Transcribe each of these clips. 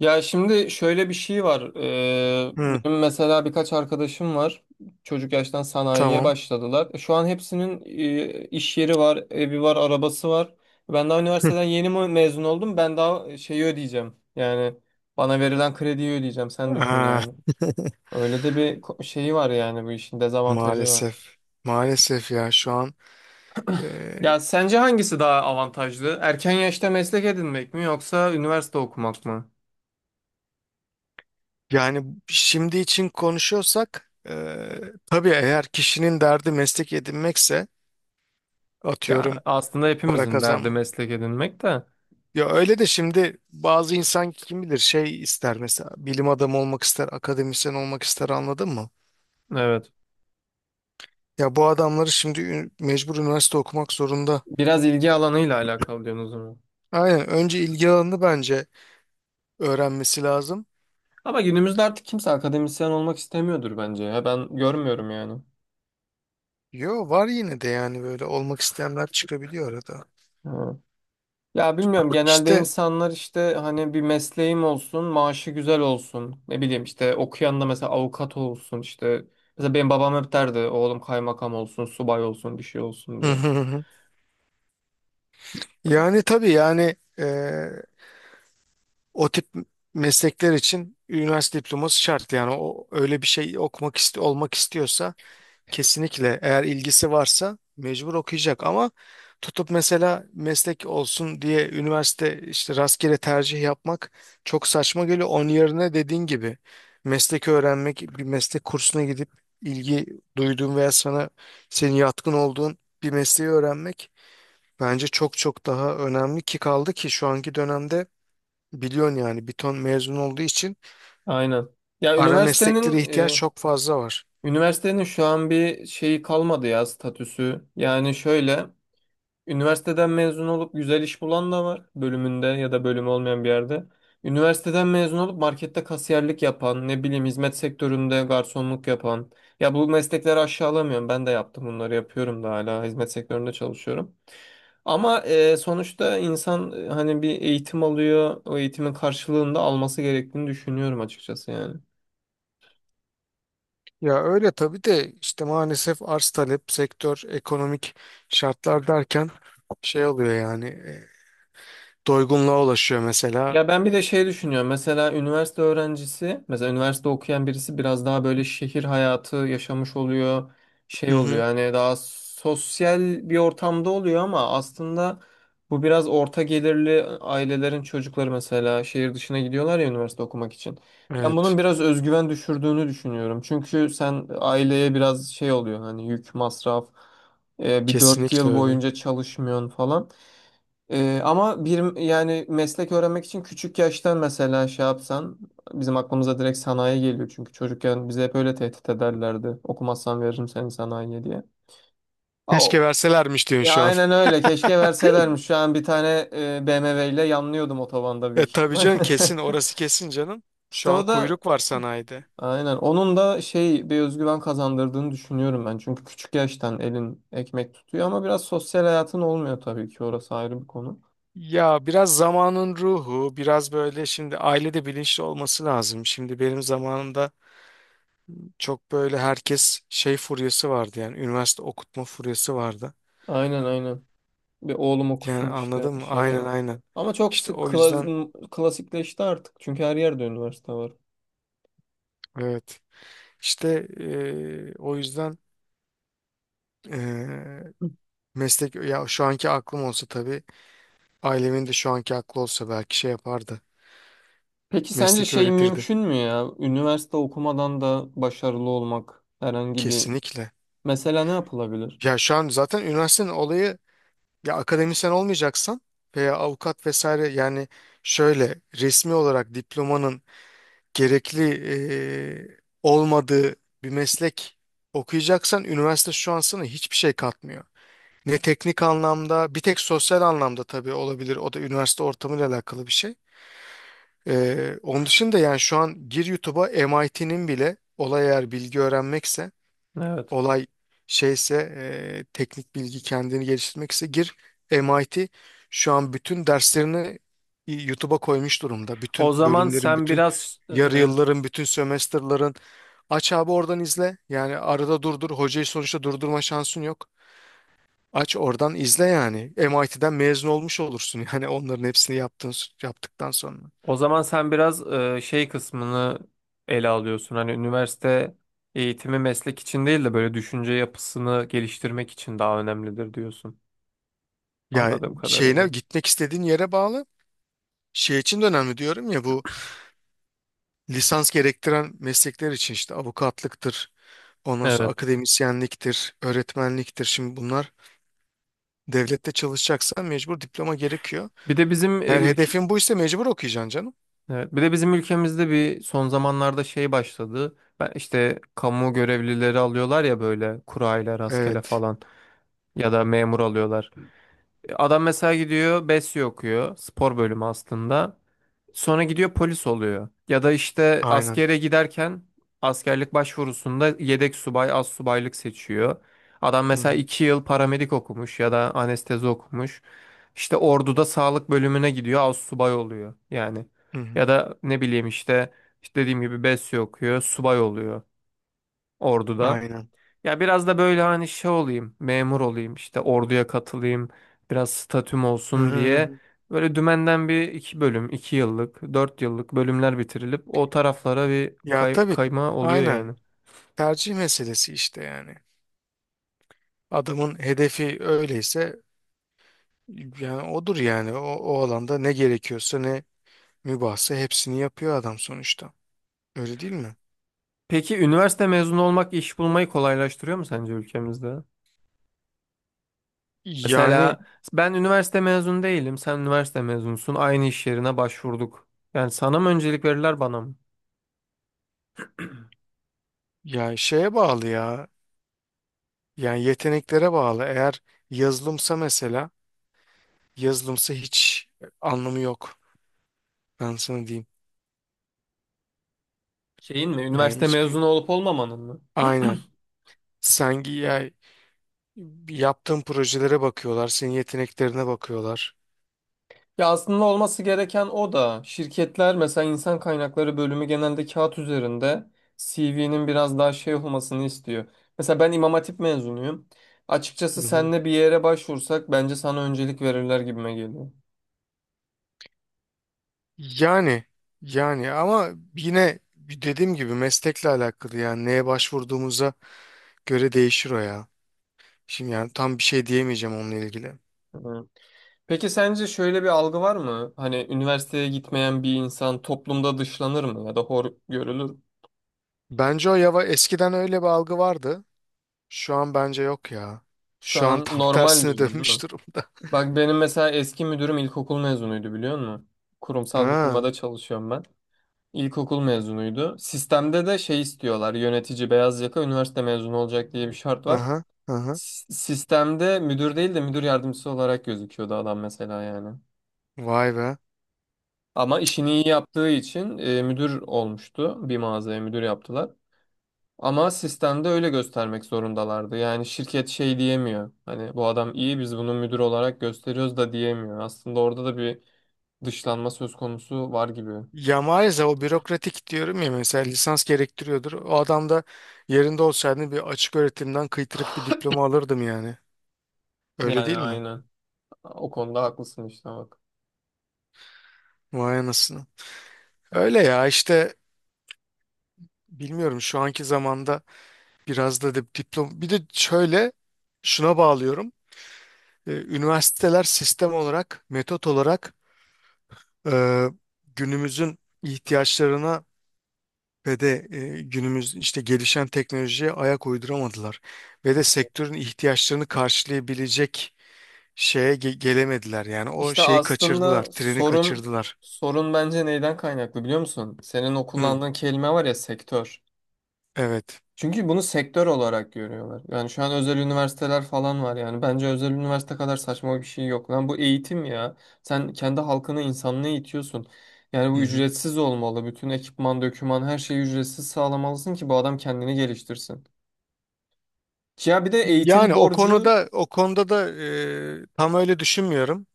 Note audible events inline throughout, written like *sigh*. Ya şimdi şöyle bir şey var. Hı, Benim mesela birkaç arkadaşım var. Çocuk yaştan sanayiye tamam. başladılar. Şu an hepsinin iş yeri var, evi var, arabası var. Ben daha Hı. üniversiteden yeni mi mezun oldum. Ben daha şeyi ödeyeceğim. Yani bana verilen krediyi ödeyeceğim. Sen düşün Aa, yani. Öyle de bir şeyi var yani bu işin dezavantajı var. maalesef. Maalesef ya şu an e, Ya sence hangisi daha avantajlı? Erken yaşta meslek edinmek mi yoksa üniversite okumak mı? yani şimdi için konuşuyorsak tabii eğer kişinin derdi meslek edinmekse Ya atıyorum aslında para hepimizin derdi kazanma. meslek edinmek de. Ya öyle de şimdi bazı insan kim bilir şey ister, mesela bilim adamı olmak ister, akademisyen olmak ister, anladın mı? Evet. Ya bu adamları şimdi mecbur üniversite okumak zorunda. Biraz ilgi alanıyla alakalı diyorsunuz o zaman. Aynen, önce ilgi alanını bence öğrenmesi lazım. Ama günümüzde artık kimse akademisyen olmak istemiyordur bence. Ya ben görmüyorum yani. Yo, var yine de yani, böyle olmak isteyenler çıkabiliyor arada. Ha. Ya bilmiyorum, genelde İşte insanlar işte hani bir mesleğim olsun, maaşı güzel olsun. Ne bileyim, işte okuyan da mesela avukat olsun işte. Mesela benim babam hep derdi oğlum kaymakam olsun, subay olsun, bir şey *laughs* olsun hı diye. hı hı. Yani tabii yani o tip meslekler için üniversite diploması şart yani, o öyle bir şey okumak iste olmak istiyorsa kesinlikle eğer ilgisi varsa mecbur okuyacak, ama tutup mesela meslek olsun diye üniversite işte rastgele tercih yapmak çok saçma geliyor. Onun yerine dediğin gibi meslek öğrenmek, bir meslek kursuna gidip ilgi duyduğun veya sana senin yatkın olduğun bir mesleği öğrenmek bence çok çok daha önemli. Ki kaldı ki şu anki dönemde biliyorsun yani, bir ton mezun olduğu için Aynen. Ya ara mesleklere üniversitenin ihtiyaç e, çok fazla var. üniversitenin şu an bir şeyi kalmadı ya, statüsü. Yani şöyle. Üniversiteden mezun olup güzel iş bulan da var, bölümünde ya da bölümü olmayan bir yerde. Üniversiteden mezun olup markette kasiyerlik yapan, ne bileyim hizmet sektöründe garsonluk yapan. Ya bu meslekleri aşağılamıyorum. Ben de yaptım bunları, yapıyorum da, hala hizmet sektöründe çalışıyorum. Ama sonuçta insan hani bir eğitim alıyor. O eğitimin karşılığında alması gerektiğini düşünüyorum açıkçası yani. Ya öyle tabii, de işte maalesef arz talep, sektör, ekonomik şartlar derken şey oluyor yani, doygunluğa ulaşıyor mesela. Ya ben bir de şey düşünüyorum. Mesela üniversite öğrencisi, mesela üniversite okuyan birisi biraz daha böyle şehir hayatı yaşamış oluyor, Hı şey oluyor. hı. Hani daha sosyal bir ortamda oluyor, ama aslında bu biraz orta gelirli ailelerin çocukları mesela şehir dışına gidiyorlar ya üniversite okumak için. Ben Evet, bunun biraz özgüven düşürdüğünü düşünüyorum. Çünkü sen aileye biraz şey oluyor, hani yük, masraf, bir dört kesinlikle yıl öyle. boyunca çalışmıyorsun falan. Ama bir yani meslek öğrenmek için küçük yaştan mesela şey yapsan, bizim aklımıza direkt sanayi geliyor çünkü çocukken bize hep öyle tehdit ederlerdi. Okumazsan veririm seni sanayiye diye. Aa, Keşke verselermiş diyorsun ya şu an. aynen *laughs* öyle, keşke verselermiş. Şu an bir tane BMW ile yanlıyordum otobanda E büyük tabii ihtimal. canım, kesin orası, kesin canım. *laughs* İşte Şu an o da, kuyruk var sanayide. aynen, onun da şey bir özgüven kazandırdığını düşünüyorum ben. Çünkü küçük yaştan elin ekmek tutuyor ama biraz sosyal hayatın olmuyor, tabii ki orası ayrı bir konu. Ya biraz zamanın ruhu, biraz böyle, şimdi ailede bilinçli olması lazım. Şimdi benim zamanımda çok böyle herkes şey furyası vardı, yani üniversite okutma furyası vardı. Aynen, aynen. Bir oğlum Yani okusun işte anladın mı? şeyi. Aynen, aynen. Ama çok İşte sık o yüzden, klasikleşti artık. Çünkü her yerde üniversite var. evet. İşte o yüzden eee, meslek. Ya şu anki aklım olsa tabii, ailemin de şu anki aklı olsa belki şey yapardı. Peki sence Meslek şey öğretirdi. mümkün mü ya? Üniversite okumadan da başarılı olmak herhangi bir... Kesinlikle. Mesela ne yapılabilir? Ya şu an zaten üniversitenin olayı, ya akademisyen olmayacaksan veya avukat vesaire, yani şöyle resmi olarak diplomanın gerekli olmadığı bir meslek okuyacaksan üniversite şu an sana hiçbir şey katmıyor. Ne teknik anlamda, bir tek sosyal anlamda tabii olabilir. O da üniversite ortamıyla alakalı bir şey. Onun dışında yani, şu an gir YouTube'a, MIT'nin bile, olay eğer bilgi öğrenmekse, Evet. olay şeyse teknik bilgi kendini geliştirmekse, gir. MIT şu an bütün derslerini YouTube'a koymuş durumda. O Bütün zaman bölümlerin, sen bütün biraz e, yarı yılların, bütün sömestrların, aç abi oradan izle. Yani arada durdur. Hocayı sonuçta durdurma şansın yok. Aç oradan izle yani. MIT'den mezun olmuş olursun *laughs* yani, onların hepsini yaptığın, yaptıktan sonra. o zaman sen biraz şey kısmını ele alıyorsun. Hani üniversite eğitimi meslek için değil de böyle düşünce yapısını geliştirmek için daha önemlidir diyorsun. Ya Anladığım şeyine, kadarıyla. gitmek istediğin yere bağlı. Şey için de önemli diyorum ya, bu lisans gerektiren meslekler için, işte avukatlıktır, ondan sonra Evet. akademisyenliktir, öğretmenliktir. Şimdi bunlar, devlette çalışacaksan mecbur diploma gerekiyor. Bir de bizim e, Eğer ülk- hedefin buysa mecbur okuyacaksın canım. Evet, bir de bizim ülkemizde bir son zamanlarda şey başladı. Ben işte kamu görevlileri alıyorlar ya, böyle kurayla rastgele Evet, falan, ya da memur alıyorlar. Adam mesela gidiyor BESYO okuyor. Spor bölümü aslında. Sonra gidiyor polis oluyor. Ya da işte aynen. askere giderken askerlik başvurusunda yedek subay, az subaylık seçiyor. Adam Hı mesela hı, iki yıl paramedik okumuş ya da anestezi okumuş. İşte orduda sağlık bölümüne gidiyor, az subay oluyor yani. hı hı. Ya da ne bileyim işte, işte dediğim gibi BESYO okuyor, subay oluyor orduda. Aynen. Ya biraz da böyle hani şey olayım, memur olayım, işte orduya katılayım, biraz statüm Hı olsun hı, hı diye hı. böyle dümenden bir iki bölüm, iki yıllık, dört yıllık bölümler bitirilip o taraflara bir Ya tabii, kayma oluyor aynen. yani. Tercih meselesi işte yani. Adamın hedefi öyleyse yani odur yani. O, o alanda ne gerekiyorsa, ne mübahse hepsini yapıyor adam sonuçta. Öyle değil mi? Peki üniversite mezunu olmak iş bulmayı kolaylaştırıyor mu sence ülkemizde? Yani, Mesela ben üniversite mezunu değilim, sen üniversite mezunusun, aynı iş yerine başvurduk. Yani sana mı öncelik verirler, bana mı? ya şeye bağlı ya. Yani yeteneklere bağlı. Eğer yazılımsa mesela, yazılımsa hiç anlamı yok. Ben sana diyeyim. Şeyin mi, Yani üniversite mezunu hiçbir, olup olmamanın mı? aynen. Ya, yaptığın projelere bakıyorlar. Senin yeteneklerine bakıyorlar. Ya, aslında olması gereken o da, şirketler mesela insan kaynakları bölümü genelde kağıt üzerinde CV'nin biraz daha şey olmasını istiyor. Mesela ben İmam Hatip mezunuyum. Hı Açıkçası hı. senle bir yere başvursak bence sana öncelik verirler gibime geliyor. Yani, ama yine dediğim gibi meslekle alakalı, yani neye başvurduğumuza göre değişir o ya. Şimdi yani tam bir şey diyemeyeceğim onunla ilgili. Hı. Peki sence şöyle bir algı var mı? Hani üniversiteye gitmeyen bir insan toplumda dışlanır mı ya da hor görülür? Mü? Bence o yava, eskiden öyle bir algı vardı. Şu an bence yok ya. Şu Şu an *laughs* an tam normal tersine diyorum değil mi? dönmüş durumda. *laughs* Bak benim mesela eski müdürüm ilkokul mezunuydu, biliyor musun? Kurumsal bir Ha, firmada çalışıyorum ben. İlkokul mezunuydu. Sistemde de şey istiyorlar. Yönetici beyaz yaka üniversite mezunu olacak diye bir şart var. aha, aha. Sistemde müdür değil de müdür yardımcısı olarak gözüküyordu adam mesela yani. Vay be. Ama işini iyi yaptığı için müdür olmuştu. Bir mağazaya müdür yaptılar. Ama sistemde öyle göstermek zorundalardı. Yani şirket şey diyemiyor. Hani bu adam iyi, biz bunu müdür olarak gösteriyoruz da diyemiyor. Aslında orada da bir dışlanma söz konusu var gibi. Ya maalesef o bürokratik diyorum ya, mesela lisans gerektiriyordur. O adam da yerinde olsaydı bir açık öğretimden kıytırık bir diploma alırdım yani. Öyle Yani, değil mi? aynen. O konuda haklısın işte, bak. Vay anasını. Öyle ya işte, bilmiyorum şu anki zamanda biraz da diplom. Bir de şöyle, şuna bağlıyorum. Üniversiteler sistem olarak, metot olarak e, günümüzün ihtiyaçlarına ve de günümüz işte gelişen teknolojiye ayak uyduramadılar. Ve de sektörün ihtiyaçlarını karşılayabilecek şeye gelemediler. Yani o İşte şeyi kaçırdılar, aslında treni sorun kaçırdılar. sorun bence neyden kaynaklı, biliyor musun? Senin o Hı, kullandığın kelime var ya, sektör. evet. Çünkü bunu sektör olarak görüyorlar. Yani şu an özel üniversiteler falan var yani. Bence özel üniversite kadar saçma bir şey yok. Lan, bu eğitim ya. Sen kendi halkını, insanlığı eğitiyorsun. Yani Hı bu hı. ücretsiz olmalı. Bütün ekipman, döküman, her şeyi ücretsiz sağlamalısın ki bu adam kendini geliştirsin. Ya bir de eğitim Yani o borcu konuda, o konuda da tam öyle düşünmüyorum.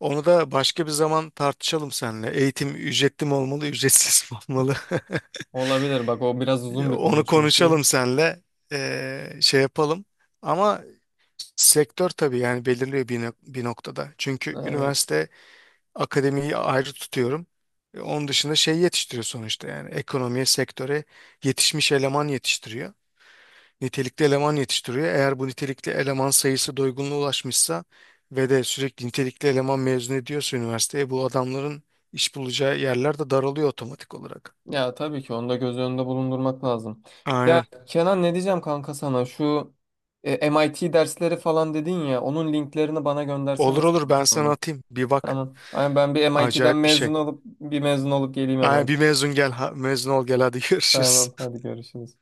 Onu da başka bir zaman tartışalım seninle. Eğitim ücretli mi olmalı, *laughs* ücretsiz mi olmalı? olabilir. Bak, o biraz *laughs* uzun bir konu Onu çünkü. konuşalım seninle. E, şey yapalım. Ama sektör tabii yani belirliyor bir, bir noktada. Çünkü Evet. üniversite akademiyi ayrı tutuyorum. E, onun dışında şey yetiştiriyor sonuçta yani, ekonomiye, sektöre yetişmiş eleman yetiştiriyor, nitelikli eleman yetiştiriyor. Eğer bu nitelikli eleman sayısı doygunluğa ulaşmışsa ve de sürekli nitelikli eleman mezun ediyorsa üniversiteye, bu adamların iş bulacağı yerler de daralıyor otomatik olarak. Ya tabii ki onu da göz önünde bulundurmak lazım. Ya Aynen. Kenan, ne diyeceğim kanka sana, şu MIT dersleri falan dedin ya, onun linklerini bana göndersene Olur, sana olur, ben sana Samet. atayım. Bir bak. Tamam. Ay, ben bir MIT'den mezun Acayip bir şey. olup bir mezun olup geleyim Aynen, MIT. bir mezun gel. Ha, mezun ol gel hadi *laughs* görüşürüz. Tamam, hadi görüşürüz.